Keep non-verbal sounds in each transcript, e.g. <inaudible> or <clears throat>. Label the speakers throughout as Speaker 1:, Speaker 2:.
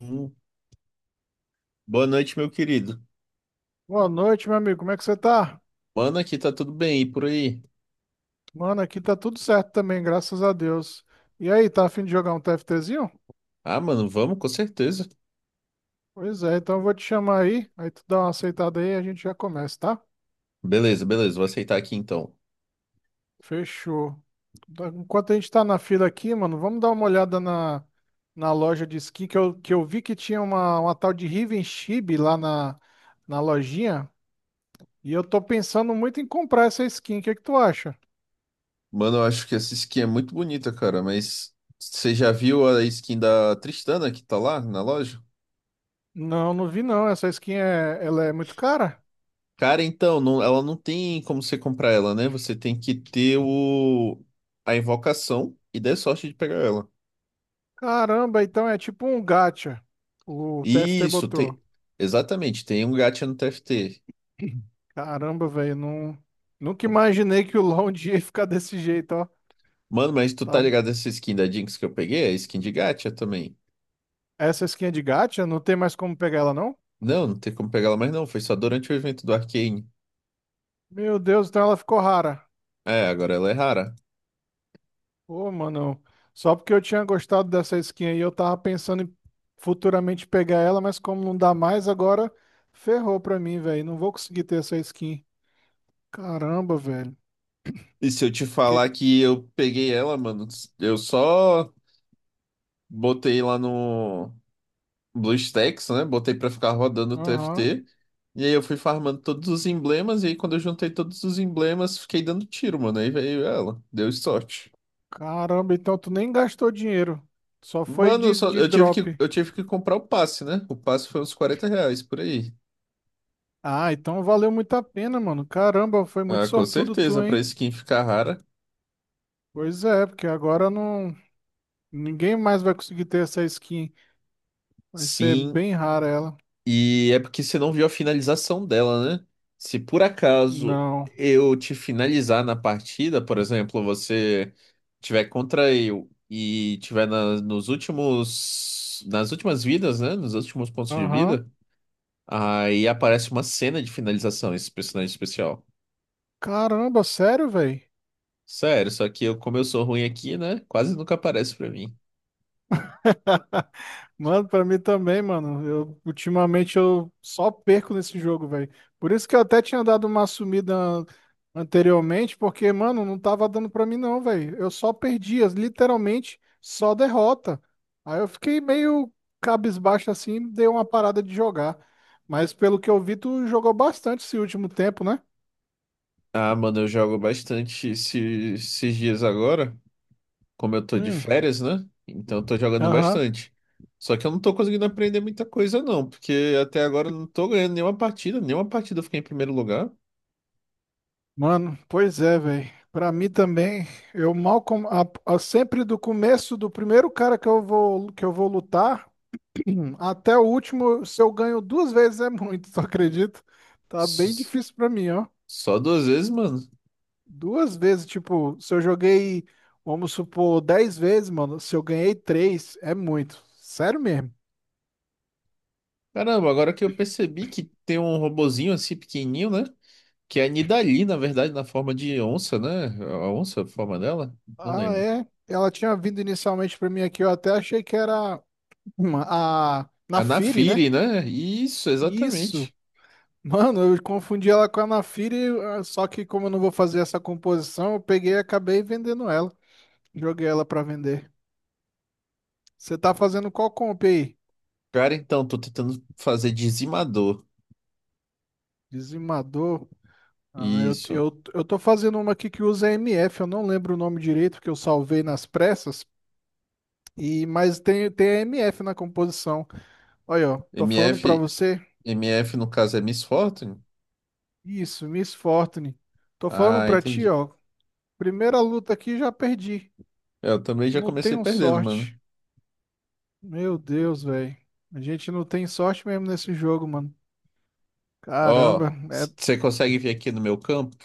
Speaker 1: Hum, Boa noite, meu querido.
Speaker 2: Boa noite, meu amigo. Como é que você tá?
Speaker 1: Mano, aqui tá tudo bem e por aí?
Speaker 2: Mano, aqui tá tudo certo também, graças a Deus. E aí, tá a fim de jogar um TFTzinho?
Speaker 1: Ah, mano, vamos, com certeza.
Speaker 2: Pois é, então eu vou te chamar aí, aí tu dá uma aceitada aí e a gente já começa, tá?
Speaker 1: Beleza, beleza, vou aceitar aqui então.
Speaker 2: Fechou. Enquanto a gente tá na fila aqui, mano, vamos dar uma olhada na loja de skin que eu vi que tinha uma tal de Riven Chibi lá na lojinha. E eu tô pensando muito em comprar essa skin. O que é que tu acha?
Speaker 1: Mano, eu acho que essa skin é muito bonita, cara, mas você já viu a skin da Tristana que tá lá na loja?
Speaker 2: Não, não vi não. Essa skin ela é muito cara?
Speaker 1: Cara, então, ela não tem como você comprar ela, né? Você tem que ter o a invocação e der sorte de pegar ela.
Speaker 2: Caramba, então é tipo um gacha. O TFT
Speaker 1: Isso,
Speaker 2: botou.
Speaker 1: tem. Exatamente, tem um gacha no TFT.
Speaker 2: Caramba, velho, não, nunca imaginei que o LoL um dia ia ficar desse jeito, ó.
Speaker 1: Mano, mas tu tá
Speaker 2: Tá.
Speaker 1: ligado essa skin da Jinx que eu peguei? É skin de gacha também.
Speaker 2: Essa skin é de gacha? Não tem mais como pegar ela, não?
Speaker 1: Não, não tem como pegar ela mais não. Foi só durante o evento do Arcane.
Speaker 2: Meu Deus, então ela ficou rara.
Speaker 1: É, agora ela é rara.
Speaker 2: Ô, mano, só porque eu tinha gostado dessa skin aí, eu tava pensando em futuramente pegar ela, mas como não dá mais agora, ferrou pra mim, velho. Não vou conseguir ter essa skin. Caramba, velho.
Speaker 1: E se eu te
Speaker 2: Que...
Speaker 1: falar que eu peguei ela, mano, eu só botei lá no BlueStacks, né? Botei pra ficar rodando o
Speaker 2: Aham.
Speaker 1: TFT. E aí eu fui farmando todos os emblemas. E aí quando eu juntei todos os emblemas, fiquei dando tiro, mano. Aí veio ela. Deu sorte.
Speaker 2: Caramba, então tu nem gastou dinheiro. Só foi
Speaker 1: Mano,
Speaker 2: de,
Speaker 1: só,
Speaker 2: de
Speaker 1: eu tive que,
Speaker 2: drop.
Speaker 1: eu tive que comprar o passe, né? O passe foi uns 40 reais por aí.
Speaker 2: Ah, então valeu muito a pena, mano. Caramba, foi muito
Speaker 1: Ah, com
Speaker 2: sortudo
Speaker 1: certeza,
Speaker 2: tu,
Speaker 1: pra
Speaker 2: hein?
Speaker 1: skin ficar rara.
Speaker 2: Pois é, porque agora não. Ninguém mais vai conseguir ter essa skin. Vai ser
Speaker 1: Sim,
Speaker 2: bem rara ela.
Speaker 1: E é porque você não viu a finalização dela, né? Se por acaso
Speaker 2: Não.
Speaker 1: eu te finalizar na partida, por exemplo, você tiver contra eu e tiver nas últimas vidas, né? Nos últimos pontos de
Speaker 2: Aham.
Speaker 1: vida, aí aparece uma cena de finalização, esse personagem especial.
Speaker 2: Caramba, sério, velho?
Speaker 1: Sério, só que eu, como eu sou ruim aqui, né? Quase nunca aparece pra mim.
Speaker 2: <laughs> Mano, pra mim também, mano. Eu ultimamente eu só perco nesse jogo, velho. Por isso que eu até tinha dado uma sumida anteriormente, porque, mano, não tava dando pra mim não, velho. Eu só perdia, literalmente só derrota. Aí eu fiquei meio cabisbaixo assim, dei uma parada de jogar. Mas pelo que eu vi, tu jogou bastante esse último tempo, né?
Speaker 1: Ah, mano, eu jogo bastante esses dias agora. Como eu tô de
Speaker 2: Hum.
Speaker 1: férias, né? Então eu tô jogando
Speaker 2: Aham.
Speaker 1: bastante. Só que eu não tô conseguindo aprender muita coisa, não, porque até agora eu não tô ganhando nenhuma partida eu fiquei em primeiro lugar.
Speaker 2: Mano, pois é, velho. Pra mim também, eu mal com... a- sempre do começo do primeiro cara que eu vou lutar <clears throat> até o último, se eu ganho duas vezes é muito, <laughs> tu acredita? Tá bem
Speaker 1: S-
Speaker 2: difícil pra mim, ó.
Speaker 1: Só duas vezes, mano.
Speaker 2: Duas vezes, tipo, se eu joguei, vamos supor, 10 vezes, mano, se eu ganhei três, é muito. Sério mesmo.
Speaker 1: Caramba, agora que eu percebi que tem um robozinho assim pequenininho, né? Que é a Nidalee, na verdade, na forma de onça, né? A onça, a forma dela? Não
Speaker 2: Ah,
Speaker 1: lembro.
Speaker 2: é. Ela tinha vindo inicialmente pra mim aqui, eu até achei que era <clears throat> uma- a
Speaker 1: A
Speaker 2: na Firi, né?
Speaker 1: Naafiri, né? Isso,
Speaker 2: Isso.
Speaker 1: exatamente.
Speaker 2: Mano, eu confundi ela com a Anafira, e, ah, só que como eu não vou fazer essa composição, eu peguei e acabei vendendo ela. Joguei ela pra vender. Você tá fazendo qual comp aí?
Speaker 1: Cara, então, tô tentando fazer dizimador.
Speaker 2: Dizimador. Ah, eu,
Speaker 1: Isso.
Speaker 2: eu, eu tô fazendo uma aqui que usa MF, eu não lembro o nome direito, porque eu salvei nas pressas, e mas tem a MF na composição. Olha, ó, tô falando pra
Speaker 1: MF
Speaker 2: você.
Speaker 1: MF no caso é Miss Fortune?
Speaker 2: Isso, Miss Fortune. Tô falando
Speaker 1: Ah,
Speaker 2: pra ti,
Speaker 1: entendi.
Speaker 2: ó. Primeira luta aqui já perdi.
Speaker 1: Eu também já
Speaker 2: Não
Speaker 1: comecei
Speaker 2: tenho
Speaker 1: perdendo, mano.
Speaker 2: sorte. Meu Deus, velho. A gente não tem sorte mesmo nesse jogo, mano.
Speaker 1: Ó,
Speaker 2: Caramba, é,
Speaker 1: você consegue vir aqui no meu campo?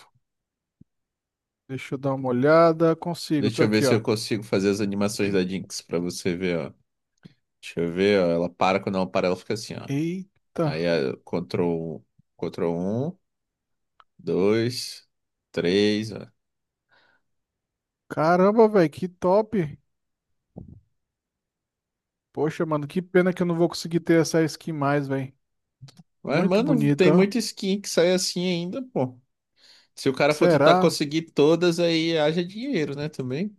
Speaker 2: deixa eu dar uma olhada. Consigo, tô
Speaker 1: Deixa eu ver
Speaker 2: aqui,
Speaker 1: se
Speaker 2: ó.
Speaker 1: eu consigo fazer as animações da Jinx pra você ver, ó. Deixa eu ver, ó. Ela para, quando ela para, ela fica assim, ó.
Speaker 2: Eita.
Speaker 1: Aí, ó, um, Ctrl um, 2, 3, ó.
Speaker 2: Caramba, velho, que top. Poxa, mano, que pena que eu não vou conseguir ter essa skin mais, velho.
Speaker 1: Mas,
Speaker 2: Muito
Speaker 1: mano,
Speaker 2: bonita,
Speaker 1: tem
Speaker 2: ó.
Speaker 1: muita skin que sai assim ainda, pô. Se o cara for tentar
Speaker 2: Será?
Speaker 1: conseguir todas, aí haja dinheiro, né, também.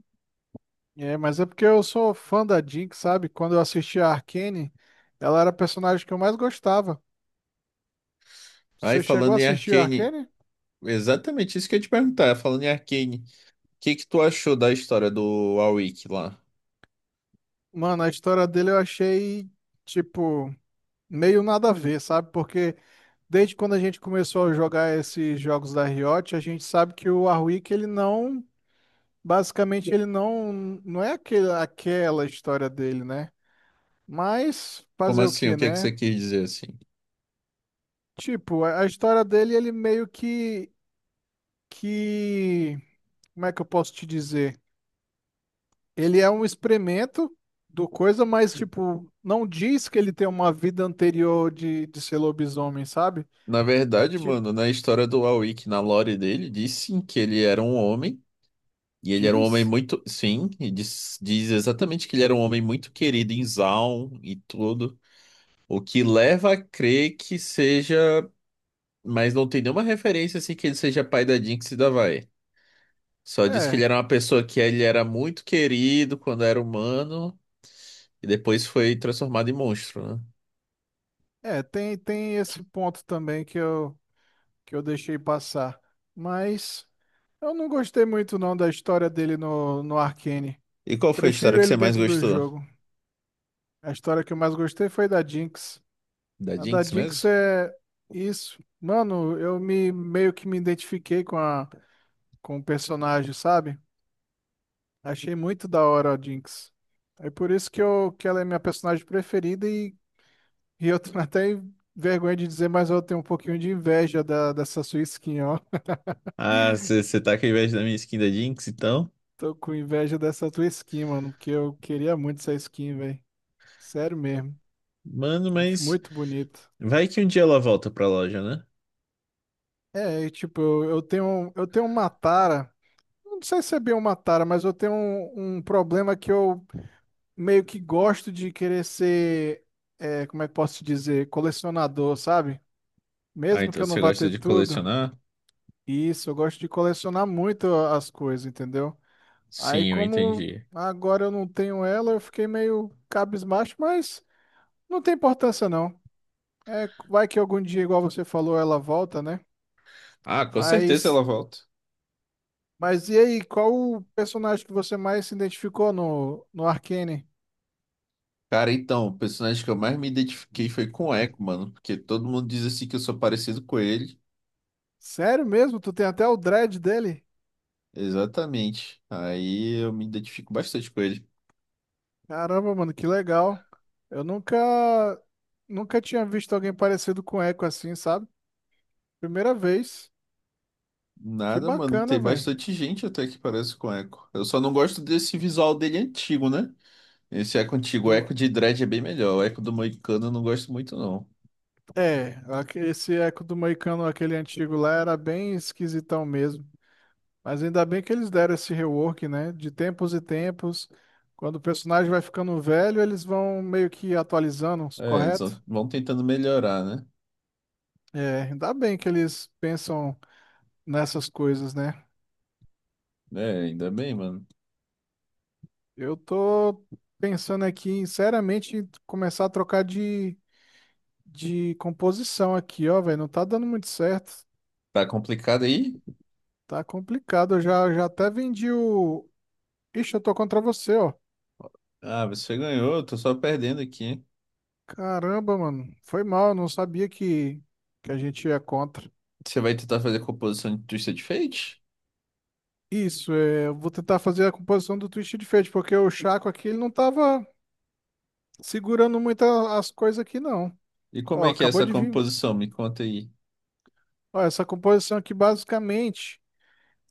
Speaker 2: É, mas é porque eu sou fã da Jinx, sabe? Quando eu assisti a Arcane, ela era a personagem que eu mais gostava.
Speaker 1: Aí,
Speaker 2: Você chegou a
Speaker 1: falando em
Speaker 2: assistir a
Speaker 1: Arcane,
Speaker 2: Arcane?
Speaker 1: exatamente isso que eu ia te perguntar, é, falando em Arcane, o que que tu achou da história do Warwick lá?
Speaker 2: Mano, a história dele eu achei, tipo, meio nada a ver, sabe? Porque. Desde quando a gente começou a jogar esses jogos da Riot, a gente sabe que o Warwick, ele não, basicamente, ele não, não é aquela história dele, né? Mas
Speaker 1: Como
Speaker 2: fazer o
Speaker 1: assim? O
Speaker 2: que,
Speaker 1: que que
Speaker 2: né?
Speaker 1: você quis dizer assim?
Speaker 2: Tipo, a história dele, ele meio que, como é que eu posso te dizer? Ele é um experimento do coisa, mas, tipo, não diz que ele tem uma vida anterior de ser lobisomem, sabe?
Speaker 1: Na verdade,
Speaker 2: Tipo,
Speaker 1: mano, na história do Warwick, na lore dele, diz sim que ele era um homem, e ele era um homem
Speaker 2: diz?
Speaker 1: muito, sim, e diz exatamente que ele era um homem muito querido em Zaun e tudo, o que leva a crer que seja, mas não tem nenhuma referência assim que ele seja pai da Jinx e da Vai. Só diz que ele
Speaker 2: É,
Speaker 1: era uma pessoa que ele era muito querido quando era humano. E depois foi transformado em monstro, né?
Speaker 2: é, tem esse ponto também que eu deixei passar. Mas eu não gostei muito não da história dele no Arcane.
Speaker 1: E qual foi a história
Speaker 2: Prefiro
Speaker 1: que
Speaker 2: ele
Speaker 1: você mais
Speaker 2: dentro do
Speaker 1: gostou?
Speaker 2: jogo. A história que eu mais gostei foi da Jinx.
Speaker 1: Da
Speaker 2: A da
Speaker 1: Jinx
Speaker 2: Jinx
Speaker 1: mesmo?
Speaker 2: é isso. Mano, eu me meio que me identifiquei com o personagem, sabe? Achei muito da hora a Jinx. É por isso que ela é minha personagem preferida e eu tenho até vergonha de dizer, mas eu tenho um pouquinho de inveja dessa sua skin, ó.
Speaker 1: Ah, você tá com inveja da minha skin da Jinx, então?
Speaker 2: Tô com inveja dessa tua skin, mano, porque eu queria muito essa skin, velho. Sério mesmo.
Speaker 1: Mano,
Speaker 2: Acho
Speaker 1: mas
Speaker 2: muito bonito.
Speaker 1: vai que um dia ela volta pra loja, né?
Speaker 2: É, e, tipo, eu tenho uma tara. Não sei se é bem uma tara, mas eu tenho um problema que eu meio que gosto de querer ser, é, como é que posso te dizer, colecionador, sabe?
Speaker 1: Ah,
Speaker 2: Mesmo que
Speaker 1: então
Speaker 2: eu não
Speaker 1: você
Speaker 2: vá
Speaker 1: gosta
Speaker 2: ter
Speaker 1: de
Speaker 2: tudo.
Speaker 1: colecionar?
Speaker 2: Isso, eu gosto de colecionar muito as coisas, entendeu? Aí
Speaker 1: Sim, eu
Speaker 2: como
Speaker 1: entendi.
Speaker 2: agora eu não tenho ela, eu fiquei meio cabisbaixo, mas não tem importância não. É, vai que algum dia, igual você falou, ela volta, né?
Speaker 1: Ah, com certeza
Speaker 2: Mas,
Speaker 1: ela volta.
Speaker 2: mas, e aí, qual o personagem que você mais se identificou no Arcane?
Speaker 1: Cara, então, o personagem que eu mais me identifiquei foi com o Echo, mano. Porque todo mundo diz assim que eu sou parecido com ele.
Speaker 2: Sério mesmo? Tu tem até o dread dele?
Speaker 1: Exatamente. Aí eu me identifico bastante com ele.
Speaker 2: Caramba, mano, que legal. Eu nunca tinha visto alguém parecido com Echo assim, sabe? Primeira vez. Que
Speaker 1: Nada, mano.
Speaker 2: bacana,
Speaker 1: Tem
Speaker 2: velho.
Speaker 1: bastante gente até que parece com Echo. Eu só não gosto desse visual dele antigo, né? Esse Echo antigo, o
Speaker 2: Do...
Speaker 1: Echo de Dread é bem melhor. O Echo do Moicano eu não gosto muito, não.
Speaker 2: É, esse Echo do Moicano, aquele antigo lá, era bem esquisitão mesmo. Mas ainda bem que eles deram esse rework, né? De tempos em tempos, quando o personagem vai ficando velho, eles vão meio que atualizando,
Speaker 1: É, eles
Speaker 2: correto?
Speaker 1: vão tentando melhorar, né?
Speaker 2: É, ainda bem que eles pensam nessas coisas, né?
Speaker 1: É, ainda bem, mano.
Speaker 2: Eu tô pensando aqui, seriamente, em começar a trocar de composição aqui, ó, velho. Não tá dando muito certo.
Speaker 1: Tá complicado aí?
Speaker 2: Tá complicado. Eu já até vendi o. Ixi, eu tô contra você, ó.
Speaker 1: Ah, você ganhou, eu tô só perdendo aqui, hein?
Speaker 2: Caramba, mano. Foi mal, eu não sabia que a gente ia contra.
Speaker 1: Você vai tentar fazer a composição de Twisted Fate?
Speaker 2: Isso, é, eu vou tentar fazer a composição do Twisted Fate, porque o Chaco aqui ele não tava segurando muito as coisas aqui, não.
Speaker 1: E como
Speaker 2: Ó,
Speaker 1: é que é
Speaker 2: acabou
Speaker 1: essa
Speaker 2: de vir.
Speaker 1: composição? Me conta aí.
Speaker 2: Ó, essa composição aqui, basicamente,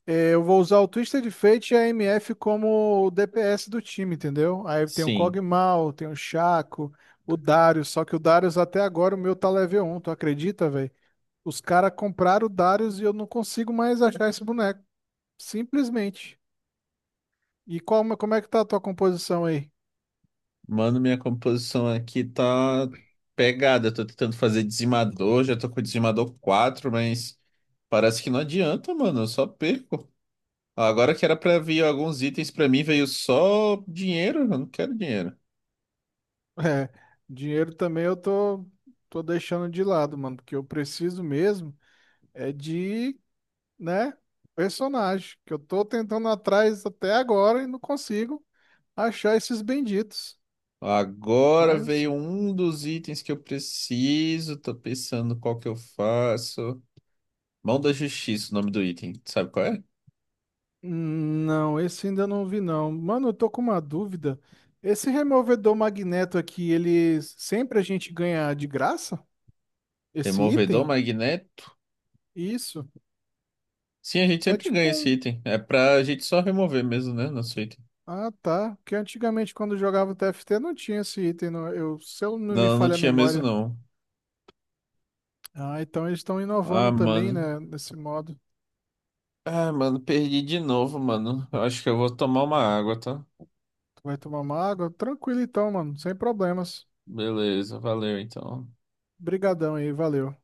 Speaker 2: é, eu vou usar o Twisted Fate e a MF como o DPS do time, entendeu? Aí tem o
Speaker 1: Sim.
Speaker 2: Kog'Maw, tem o Chaco, o Darius, só que o Darius até agora o meu tá level um, tu acredita, velho? Os caras compraram o Darius e eu não consigo mais achar esse boneco, simplesmente. E qual, como é que tá a tua composição aí?
Speaker 1: Mano, minha composição aqui tá pegada. Eu tô tentando fazer dizimador, já tô com o dizimador 4, mas parece que não adianta, mano. Eu só perco. Agora que era pra vir alguns itens pra mim, veio só dinheiro. Eu não quero dinheiro.
Speaker 2: É, dinheiro também eu tô deixando de lado, mano, porque eu preciso mesmo é de, né, personagem, que eu tô tentando atrás até agora e não consigo achar esses benditos.
Speaker 1: Agora
Speaker 2: Mas,
Speaker 1: veio um dos itens que eu preciso. Tô pensando qual que eu faço. Mão da Justiça, o nome do item. Sabe qual é?
Speaker 2: não, esse ainda não vi não. Mano, eu tô com uma dúvida. Esse removedor magneto aqui, ele sempre a gente ganha de graça? Esse
Speaker 1: Removedor
Speaker 2: item?
Speaker 1: magnético.
Speaker 2: Isso.
Speaker 1: Sim, a gente
Speaker 2: É
Speaker 1: sempre
Speaker 2: tipo
Speaker 1: ganha esse
Speaker 2: um
Speaker 1: item. É pra gente só remover mesmo, né? Nosso item.
Speaker 2: Ah, tá. Porque antigamente, quando eu jogava TFT, não tinha esse item. Se eu não me
Speaker 1: Não, não
Speaker 2: falha a
Speaker 1: tinha mesmo
Speaker 2: memória.
Speaker 1: não.
Speaker 2: Ah, então eles estão
Speaker 1: Ah,
Speaker 2: inovando também,
Speaker 1: mano.
Speaker 2: né? Nesse modo.
Speaker 1: Ah, mano, perdi de novo, mano. Eu acho que eu vou tomar uma água, tá?
Speaker 2: Tu vai tomar uma água? Tranquilo então, mano. Sem problemas.
Speaker 1: Beleza, valeu então.
Speaker 2: Brigadão aí, valeu.